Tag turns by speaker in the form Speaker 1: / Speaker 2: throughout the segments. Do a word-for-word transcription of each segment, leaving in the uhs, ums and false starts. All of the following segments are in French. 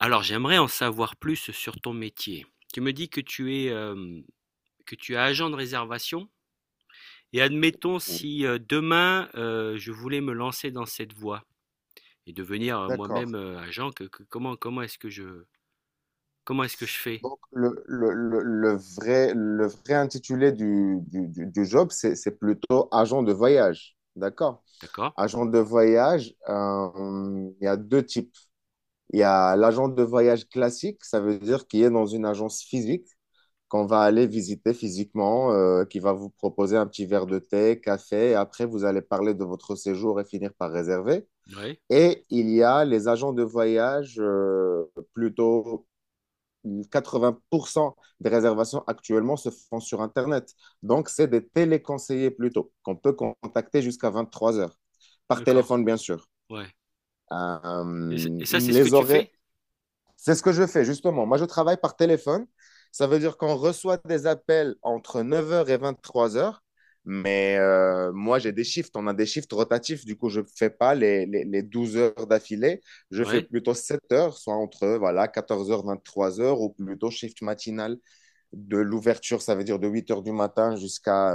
Speaker 1: Alors, j'aimerais en savoir plus sur ton métier. Tu me dis que tu es, hem, que tu es agent de réservation et admettons
Speaker 2: Oui,
Speaker 1: si, heu, demain, heu, je voulais me lancer dans cette voie et devenir, heu, moi-même,
Speaker 2: d'accord.
Speaker 1: heu, agent, que que comment comment est-ce que je comment est-ce que je fais?
Speaker 2: Donc, le, le, le, le vrai, le vrai intitulé du, du, du- du job, c'est, c'est plutôt agent de voyage. D'accord.
Speaker 1: D'accord.
Speaker 2: Agent de voyage, euh, il y a deux types. Il y a l'agent de voyage classique, ça veut dire qu'il est dans une agence physique qu'on va aller visiter physiquement, euh, qui va vous proposer un petit verre de thé, café, et après, vous allez parler de votre séjour et finir par réserver.
Speaker 1: Ouais.
Speaker 2: Et il y a les agents de voyage, euh, plutôt quatre-vingts pour cent des réservations actuellement se font sur Internet. Donc, c'est des téléconseillers plutôt, qu'on peut contacter jusqu'à 23 heures, par
Speaker 1: D'accord.
Speaker 2: téléphone, bien sûr.
Speaker 1: Ouais. Et c'est
Speaker 2: Euh,
Speaker 1: et ça, c'est ce que
Speaker 2: les
Speaker 1: tu
Speaker 2: horaires,
Speaker 1: fais?
Speaker 2: c'est ce que je fais, justement. Moi, je travaille par téléphone. Ça veut dire qu'on reçoit des appels entre 9 heures et 23 heures. Mais euh, moi, j'ai des shifts. On a des shifts rotatifs. Du coup, je ne fais pas les, les, les 12 heures d'affilée. Je fais
Speaker 1: Ouais.
Speaker 2: plutôt sept heures, soit entre voilà, quatorze heures, 23 heures, ou plutôt shift matinal de l'ouverture, ça veut dire de 8 heures du matin jusqu'à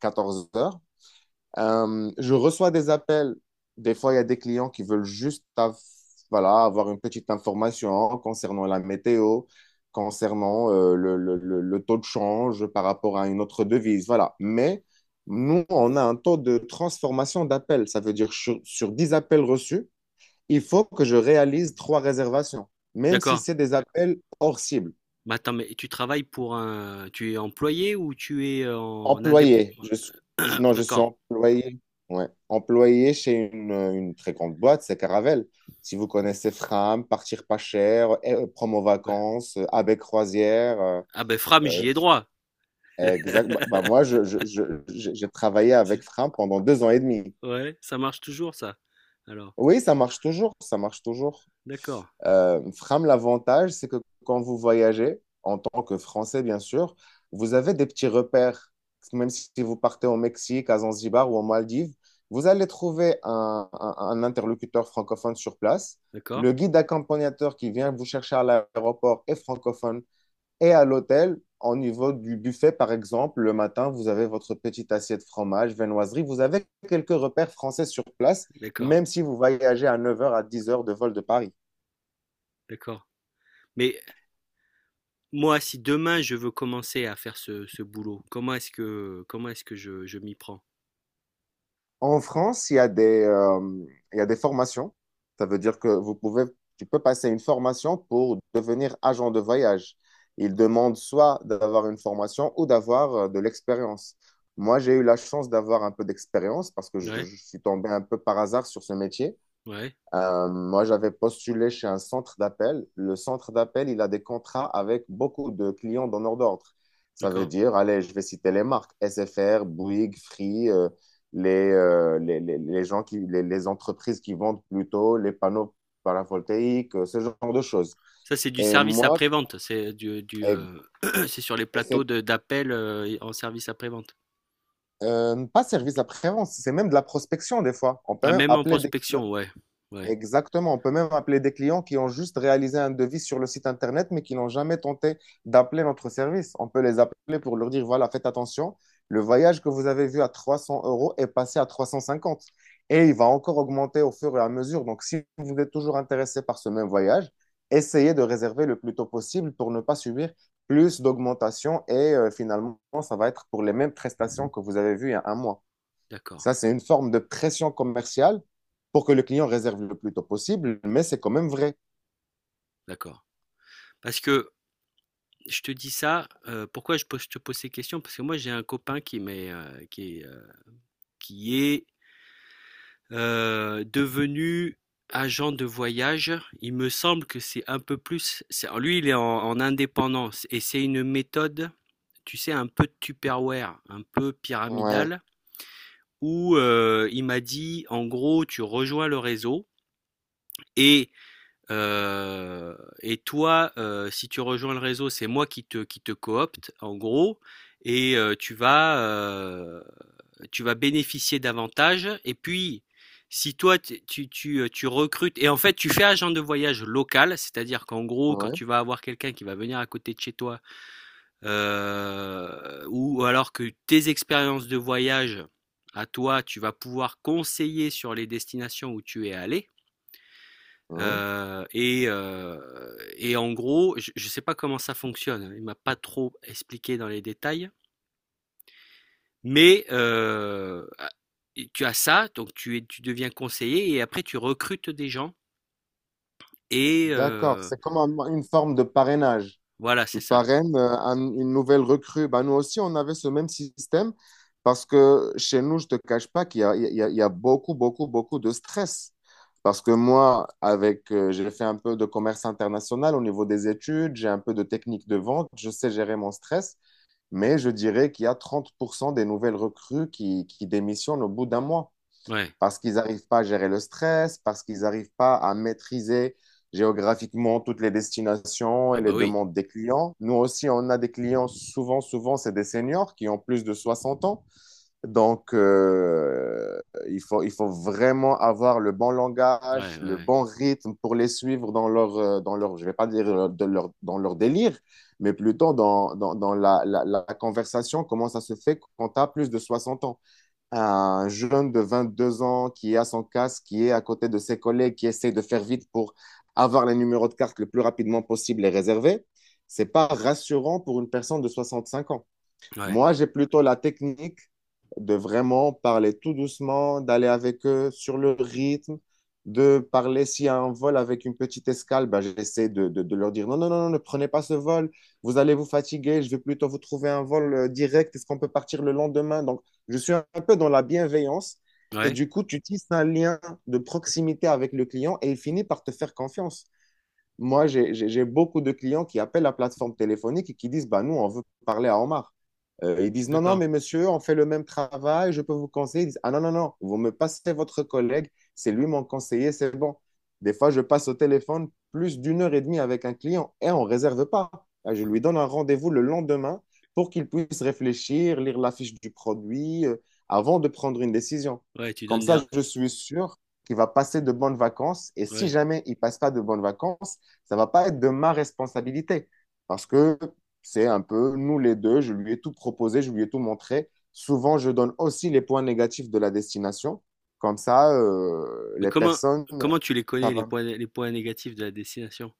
Speaker 2: 14 heures. Euh, je reçois des appels. Des fois, il y a des clients qui veulent juste av- voilà, avoir une petite information concernant la météo, concernant euh, le, le- le- le taux de change par rapport à une autre devise. Voilà. Mais nous, on a un taux de transformation d'appels. Ça veut dire sur, sur dix appels reçus, il faut que je réalise trois réservations, même si
Speaker 1: D'accord.
Speaker 2: c'est des appels hors cible.
Speaker 1: Mais attends, mais tu travailles pour un tu es employé ou tu es en
Speaker 2: Employé.
Speaker 1: indépendant?
Speaker 2: Je suis, je- non, je suis
Speaker 1: D'accord.
Speaker 2: employé. Ouais. Employé chez une, une très grande boîte, c'est Caravelle. Si vous connaissez Fram, Partir pas cher, euh, Promo
Speaker 1: Bah,
Speaker 2: Vacances, euh, Avec Croisière. euh,
Speaker 1: ah ben Fram,
Speaker 2: euh,
Speaker 1: j'y ai droit.
Speaker 2: Exact. Bah, bah, moi, je, je- je- je- j'ai travaillé avec Fram pendant deux ans et demi.
Speaker 1: Ouais, ça marche toujours ça? Alors,
Speaker 2: Oui, ça marche toujours. Ça marche toujours.
Speaker 1: d'accord,
Speaker 2: Euh, Fram, l'avantage, c'est que quand vous voyagez, en tant que Français, bien sûr, vous avez des petits repères. Même si vous partez au Mexique, à Zanzibar ou aux Maldives, vous allez trouver un, un- un interlocuteur francophone sur place.
Speaker 1: d'accord,
Speaker 2: Le guide accompagnateur qui vient vous chercher à l'aéroport est francophone et à l'hôtel, au niveau du buffet, par exemple, le matin, vous avez votre petite assiette fromage, viennoiserie. Vous avez quelques repères français sur place,
Speaker 1: d'accord,
Speaker 2: même si vous voyagez à neuf heures à dix heures de vol de Paris.
Speaker 1: d'accord. Mais moi, si demain je veux commencer à faire ce, ce boulot, comment est-ce que comment est-ce que je, je m'y prends?
Speaker 2: En France, il y a des, euh, il y a des formations. Ça veut dire que vous pouvez, tu peux passer une formation pour devenir agent de voyage. Ils demandent soit d'avoir une formation ou d'avoir euh, de l'expérience. Moi, j'ai eu la chance d'avoir un peu d'expérience parce que je,
Speaker 1: Ouais,
Speaker 2: je suis tombé un peu par hasard sur ce métier.
Speaker 1: ouais,
Speaker 2: Euh, moi, j'avais postulé chez un centre d'appel. Le centre d'appel, il a des contrats avec beaucoup de clients donneurs d'ordre. Ça veut
Speaker 1: d'accord.
Speaker 2: dire, allez, je vais citer les marques, S F R, Bouygues, Free, euh, les, euh, les, les- les gens qui, les, les entreprises qui vendent plutôt les panneaux paravoltaïques, euh, ce genre de choses.
Speaker 1: Ça, c'est du
Speaker 2: Et
Speaker 1: service
Speaker 2: moi,
Speaker 1: après-vente, c'est du, du
Speaker 2: et-
Speaker 1: euh, c'est sur les
Speaker 2: et
Speaker 1: plateaux
Speaker 2: c'est
Speaker 1: de- d'appel euh, en service après-vente.
Speaker 2: euh, pas service après-vente, c'est même de la prospection des fois. On peut
Speaker 1: Ah,
Speaker 2: même
Speaker 1: même en
Speaker 2: appeler des clients.
Speaker 1: prospection, ouais, ouais,
Speaker 2: Exactement. On peut même appeler des clients qui ont juste réalisé un devis sur le site Internet, mais qui n'ont jamais tenté d'appeler notre service. On peut les appeler pour leur dire, voilà, faites attention, le voyage que vous avez vu à trois cents euros est passé à trois cent cinquante et il va encore augmenter au fur et à mesure. Donc, si vous êtes toujours intéressé par ce même voyage, essayez de réserver le plus tôt possible pour ne pas subir plus d'augmentation et euh, finalement, ça va être pour les mêmes prestations que vous avez vues il y a un mois.
Speaker 1: d'accord,
Speaker 2: Ça, c'est une forme de pression commerciale pour que le client réserve le plus tôt possible, mais c'est quand même vrai.
Speaker 1: d'accord. Parce que je te dis ça, euh, pourquoi je, pose- je te pose ces questions? Parce que moi, j'ai un copain qui m'est, euh, qui est, euh, qui est Heu, devenu agent de voyage. Il me semble que c'est un peu plus c'est lui, il est en en indépendance et c'est une méthode, tu sais, un peu Tupperware, un peu
Speaker 2: Ouais,
Speaker 1: pyramidale, où, heu, il m'a dit: «En gros, tu rejoins le réseau et euh, et toi, euh, si tu rejoins le réseau, c'est moi qui te, qui te coopte, en gros, et euh, tu vas, euh, tu vas bénéficier davantage. Et puis, si toi, tu, tu, tu, euh, tu recrutes, et en fait, tu fais agent de voyage local, c'est-à-dire qu'en gros, quand
Speaker 2: ouais,
Speaker 1: tu vas avoir quelqu'un qui va venir à côté de chez toi, euh, ou alors que tes expériences de voyage à toi, tu vas pouvoir conseiller sur les destinations où tu es allé.
Speaker 2: ouais.
Speaker 1: Heu et heu et en gros, je je sais pas comment ça fonctionne, hein, il m'a pas trop expliqué dans les détails, mais heu, tu as ça, donc tu es tu deviens conseiller et après tu recrutes des gens et,
Speaker 2: D'accord.
Speaker 1: heu,
Speaker 2: C'est comme un- une forme de parrainage.
Speaker 1: voilà, c'est
Speaker 2: Tu
Speaker 1: ça.
Speaker 2: parraines euh, un- une nouvelle recrue. Ben, nous aussi, on avait ce même système parce que chez nous, je ne te cache pas qu'il y a, il y a- il y a beaucoup, beaucoup, beaucoup de stress. Parce que moi, avec, euh, j'ai fait un peu de commerce international au niveau des études, j'ai un peu de technique de vente, je sais gérer mon stress. Mais je dirais qu'il y a trente pour cent des nouvelles recrues qui, qui démissionnent au bout d'un mois
Speaker 1: Ouais.
Speaker 2: parce qu'ils n'arrivent pas à gérer le stress, parce qu'ils n'arrivent pas à maîtriser géographiquement toutes les destinations et
Speaker 1: Ah
Speaker 2: les
Speaker 1: bah oui.
Speaker 2: demandes des clients. Nous aussi, on a des clients, souvent, souvent, c'est des seniors qui ont plus de 60 ans donc, euh, il faut, il faut vraiment avoir le bon
Speaker 1: Ouais,
Speaker 2: langage,
Speaker 1: ouais,
Speaker 2: le
Speaker 1: ouais.
Speaker 2: bon rythme pour les suivre dans leur, euh, dans leur je vais pas dire, euh, de leur- dans leur délire, mais plutôt dans, dans, dans la, la, la conversation, comment ça se fait quand tu as plus de soixante ans. Un jeune de vingt deux ans qui a son casque, qui est à côté de ses collègues, qui essaie de faire vite pour avoir les numéros de carte le plus rapidement possible et réserver, c'est pas rassurant pour une personne de soixante cinq ans.
Speaker 1: Ouais.
Speaker 2: Moi, j'ai plutôt la technique de vraiment parler tout doucement, d'aller avec eux sur le rythme, de parler s'il y a un vol avec une petite escale, ben, j'essaie de, de- de leur dire non, non, non, non, ne prenez pas ce vol, vous allez vous fatiguer, je vais plutôt vous trouver un vol euh, direct, est-ce qu'on peut partir le lendemain? Donc, je suis un peu dans la bienveillance et
Speaker 1: Ouais,
Speaker 2: du coup, tu tisses un lien de proximité avec le client et il finit par te faire confiance. Moi, j'ai j'ai- j'ai beaucoup de clients qui appellent la plateforme téléphonique et qui disent, bah, nous, on veut parler à Omar. Euh, ils disent, non, non,
Speaker 1: d'accord.
Speaker 2: mais monsieur, on fait le même travail, je peux vous conseiller. Ils disent, ah non, non, non, vous me passez votre collègue, c'est lui mon conseiller, c'est bon. Des fois, je passe au téléphone plus d'une heure et demie avec un client et on ne réserve pas. Ah, je lui donne un rendez-vous le lendemain pour qu'il puisse réfléchir, lire la fiche du produit euh, avant de prendre une décision.
Speaker 1: Ouais, tu
Speaker 2: Comme
Speaker 1: donnes des
Speaker 2: ça, je suis sûr qu'il va passer de bonnes vacances et si
Speaker 1: ouais.
Speaker 2: jamais il passe pas de bonnes vacances, ça va pas être de ma responsabilité parce que c'est un peu nous les deux, je lui ai tout proposé, je lui ai tout montré. Souvent, je donne aussi les points négatifs de la destination. Comme ça, euh,
Speaker 1: Mais
Speaker 2: les
Speaker 1: comment
Speaker 2: personnes,
Speaker 1: comment tu les
Speaker 2: ça
Speaker 1: connais, les
Speaker 2: va.
Speaker 1: points les points négatifs de la destination?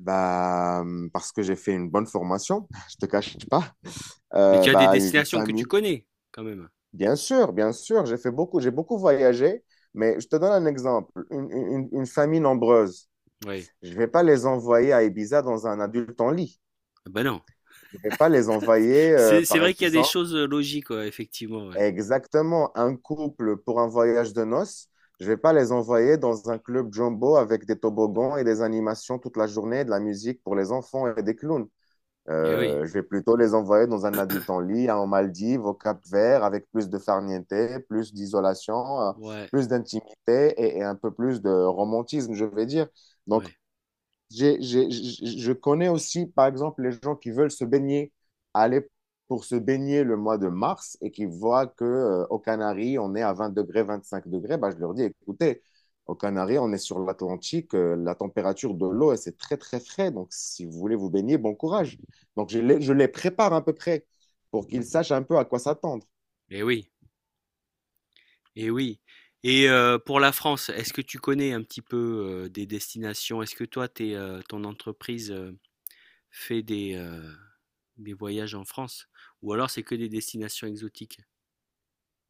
Speaker 2: Bah, parce que j'ai fait une bonne formation, je te cache pas.
Speaker 1: Mais
Speaker 2: Euh,
Speaker 1: tu as des
Speaker 2: bah, une
Speaker 1: destinations que tu
Speaker 2: famille.
Speaker 1: connais quand même?
Speaker 2: Bien sûr, bien sûr, j'ai fait beaucoup, j'ai beaucoup voyagé, mais je te donne un exemple. Une, une- une famille nombreuse,
Speaker 1: Ouais.
Speaker 2: je vais pas les envoyer à Ibiza dans un adulte en lit.
Speaker 1: Ah bah non.
Speaker 2: Je ne vais pas les envoyer, euh,
Speaker 1: C'est c'est
Speaker 2: par
Speaker 1: vrai qu'il y a des
Speaker 2: exemple,
Speaker 1: choses logiques, ouais, effectivement, ouais.
Speaker 2: exactement un couple pour un voyage de noces. Je ne vais pas les envoyer dans un club jumbo avec des toboggans et des animations toute la journée, de la musique pour les enfants et des clowns.
Speaker 1: Eh oui,
Speaker 2: Euh, je vais plutôt les envoyer dans un adulte en lit, hein, en Maldives, au Cap-Vert, avec plus de farniente, plus d'isolation, euh,
Speaker 1: ouais,
Speaker 2: plus d'intimité et, et un peu plus de romantisme, je vais dire. Donc,
Speaker 1: ouais.
Speaker 2: j'ai- j'ai- j'- je connais aussi, par exemple, les gens qui veulent se baigner, aller pour se baigner le mois de mars et qui voient que, euh, aux Canaries, on est à 20 degrés, 25 degrés. Bah, je leur dis, écoutez, aux Canaries, on est sur l'Atlantique, euh, la température de l'eau, elle, c'est très, très frais. Donc, si vous voulez vous baigner, bon courage. Donc, je les, je les prépare à peu près pour qu'ils sachent un peu à quoi s'attendre.
Speaker 1: Et oui, et oui. Et euh, pour la France, est-ce que tu connais un petit peu euh, des destinations? Est-ce que toi, t'es, euh, ton entreprise euh, fait des, euh, des voyages en France? Ou alors c'est que des destinations exotiques?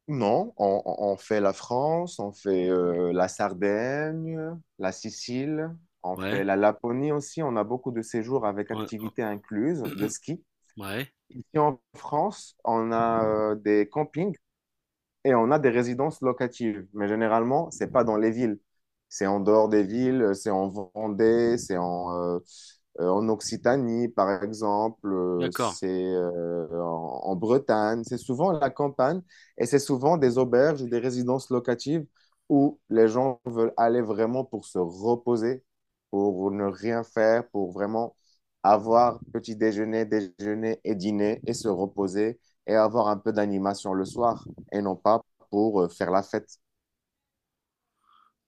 Speaker 2: Non, on, on- on fait la France, on fait euh, la Sardaigne, la Sicile, on fait
Speaker 1: Ouais,
Speaker 2: la Laponie aussi. On a beaucoup de séjours avec
Speaker 1: ouais,
Speaker 2: activités incluses de ski.
Speaker 1: ouais.
Speaker 2: Ici en France, on a euh, des campings et on a des résidences locatives. Mais généralement, c'est pas dans les villes. C'est en dehors des villes, c'est en Vendée, c'est en, euh, euh, en Occitanie, par exemple, euh,
Speaker 1: D'accord,
Speaker 2: c'est euh, en, en Bretagne. C'est souvent la campagne et c'est souvent des auberges ou des résidences locatives où les gens veulent aller vraiment pour se reposer, pour ne rien faire, pour vraiment avoir petit déjeuner, déjeuner et dîner et se reposer et avoir un peu d'animation le soir et non pas pour euh, faire la fête.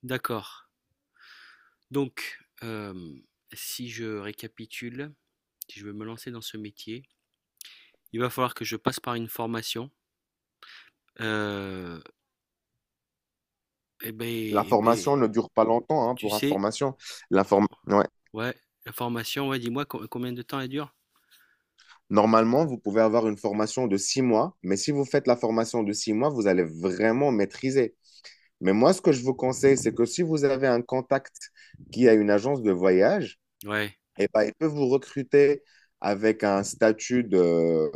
Speaker 1: d'accord. Donc, euh, si je récapitule, si je veux me lancer dans ce métier, il va falloir que je passe par une formation. Euh, Eh
Speaker 2: La
Speaker 1: ben, eh ben,
Speaker 2: formation ne dure pas longtemps hein,
Speaker 1: tu
Speaker 2: pour
Speaker 1: sais,
Speaker 2: information. La form- ouais.
Speaker 1: ouais, la formation, ouais, dis-moi co- combien de temps elle dure?
Speaker 2: Normalement, vous pouvez avoir une formation de six mois, mais si vous faites la formation de six mois, vous allez vraiment maîtriser. Mais moi, ce que je vous conseille, c'est que si vous avez un contact qui a une agence de voyage,
Speaker 1: Ouais,
Speaker 2: et ben, ils peuvent vous recruter avec un statut de,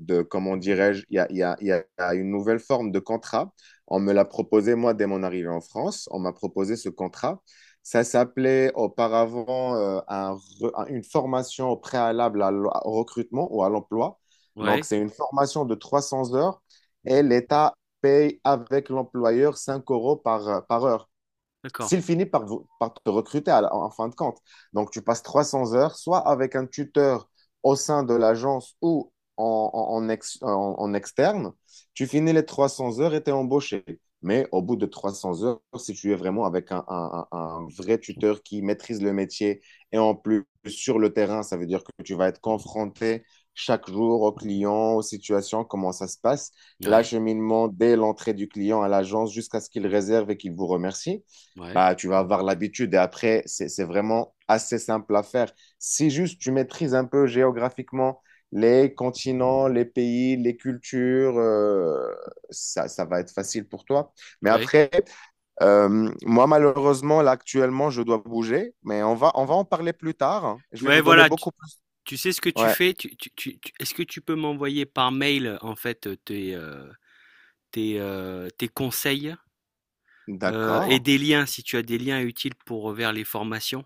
Speaker 2: de comment dirais-je, il y a, il y a- il y a une nouvelle forme de contrat. On me l'a proposé, moi, dès mon arrivée en France, on m'a proposé ce contrat. Ça s'appelait auparavant euh, un re- un- une formation au préalable à l- au recrutement ou à l'emploi. Donc,
Speaker 1: ouais,
Speaker 2: c'est une formation de trois cents heures et l'État paye avec l'employeur cinq euros par, par heure
Speaker 1: d'accord.
Speaker 2: s'il finit par, par te recruter à la- en fin de compte. Donc, tu passes trois cents heures, soit avec un tuteur au sein de l'agence ou en, en- en ex- en- en externe, tu finis les trois cents heures et tu es embauché. Mais au bout de trois cents heures, si tu es vraiment avec un, un- un- un vrai tuteur qui maîtrise le métier et en plus sur le terrain, ça veut dire que tu vas être confronté chaque jour aux clients, aux situations, comment ça se passe,
Speaker 1: Ouais,
Speaker 2: l'acheminement dès l'entrée du client à l'agence jusqu'à ce qu'il réserve et qu'il vous remercie
Speaker 1: ouais,
Speaker 2: bah, tu vas avoir l'habitude. Et après, c'est, c'est vraiment assez simple à faire. Si juste tu maîtrises un peu géographiquement les continents, les pays, les cultures, euh, ça, ça va être facile pour toi. Mais
Speaker 1: ouais.
Speaker 2: après, euh, moi, malheureusement, là, actuellement, je dois bouger, mais on va, on va en parler plus tard, hein. Je vais
Speaker 1: Ouais,
Speaker 2: vous donner
Speaker 1: voilà, tu,
Speaker 2: beaucoup plus.
Speaker 1: tu sais ce que tu
Speaker 2: Ouais,
Speaker 1: fais? Tu, tu, tu- tu- est-ce que tu peux m'envoyer par mail, euh, en fait, euh, tes, euh, tes, euh, tes conseils, euh, et
Speaker 2: d'accord,
Speaker 1: des liens, si tu as des liens utiles pour euh, vers les formations?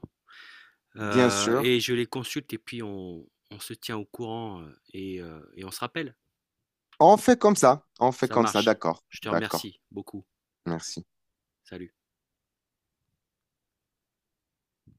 Speaker 2: bien
Speaker 1: Euh,
Speaker 2: sûr.
Speaker 1: et je les consulte et puis on, on se tient au courant, euh, et, euh, et on se rappelle.
Speaker 2: On fait comme ça, on fait
Speaker 1: Ça
Speaker 2: comme ça,
Speaker 1: marche.
Speaker 2: d'accord,
Speaker 1: Je te
Speaker 2: d'accord.
Speaker 1: remercie beaucoup.
Speaker 2: Merci.
Speaker 1: Salut.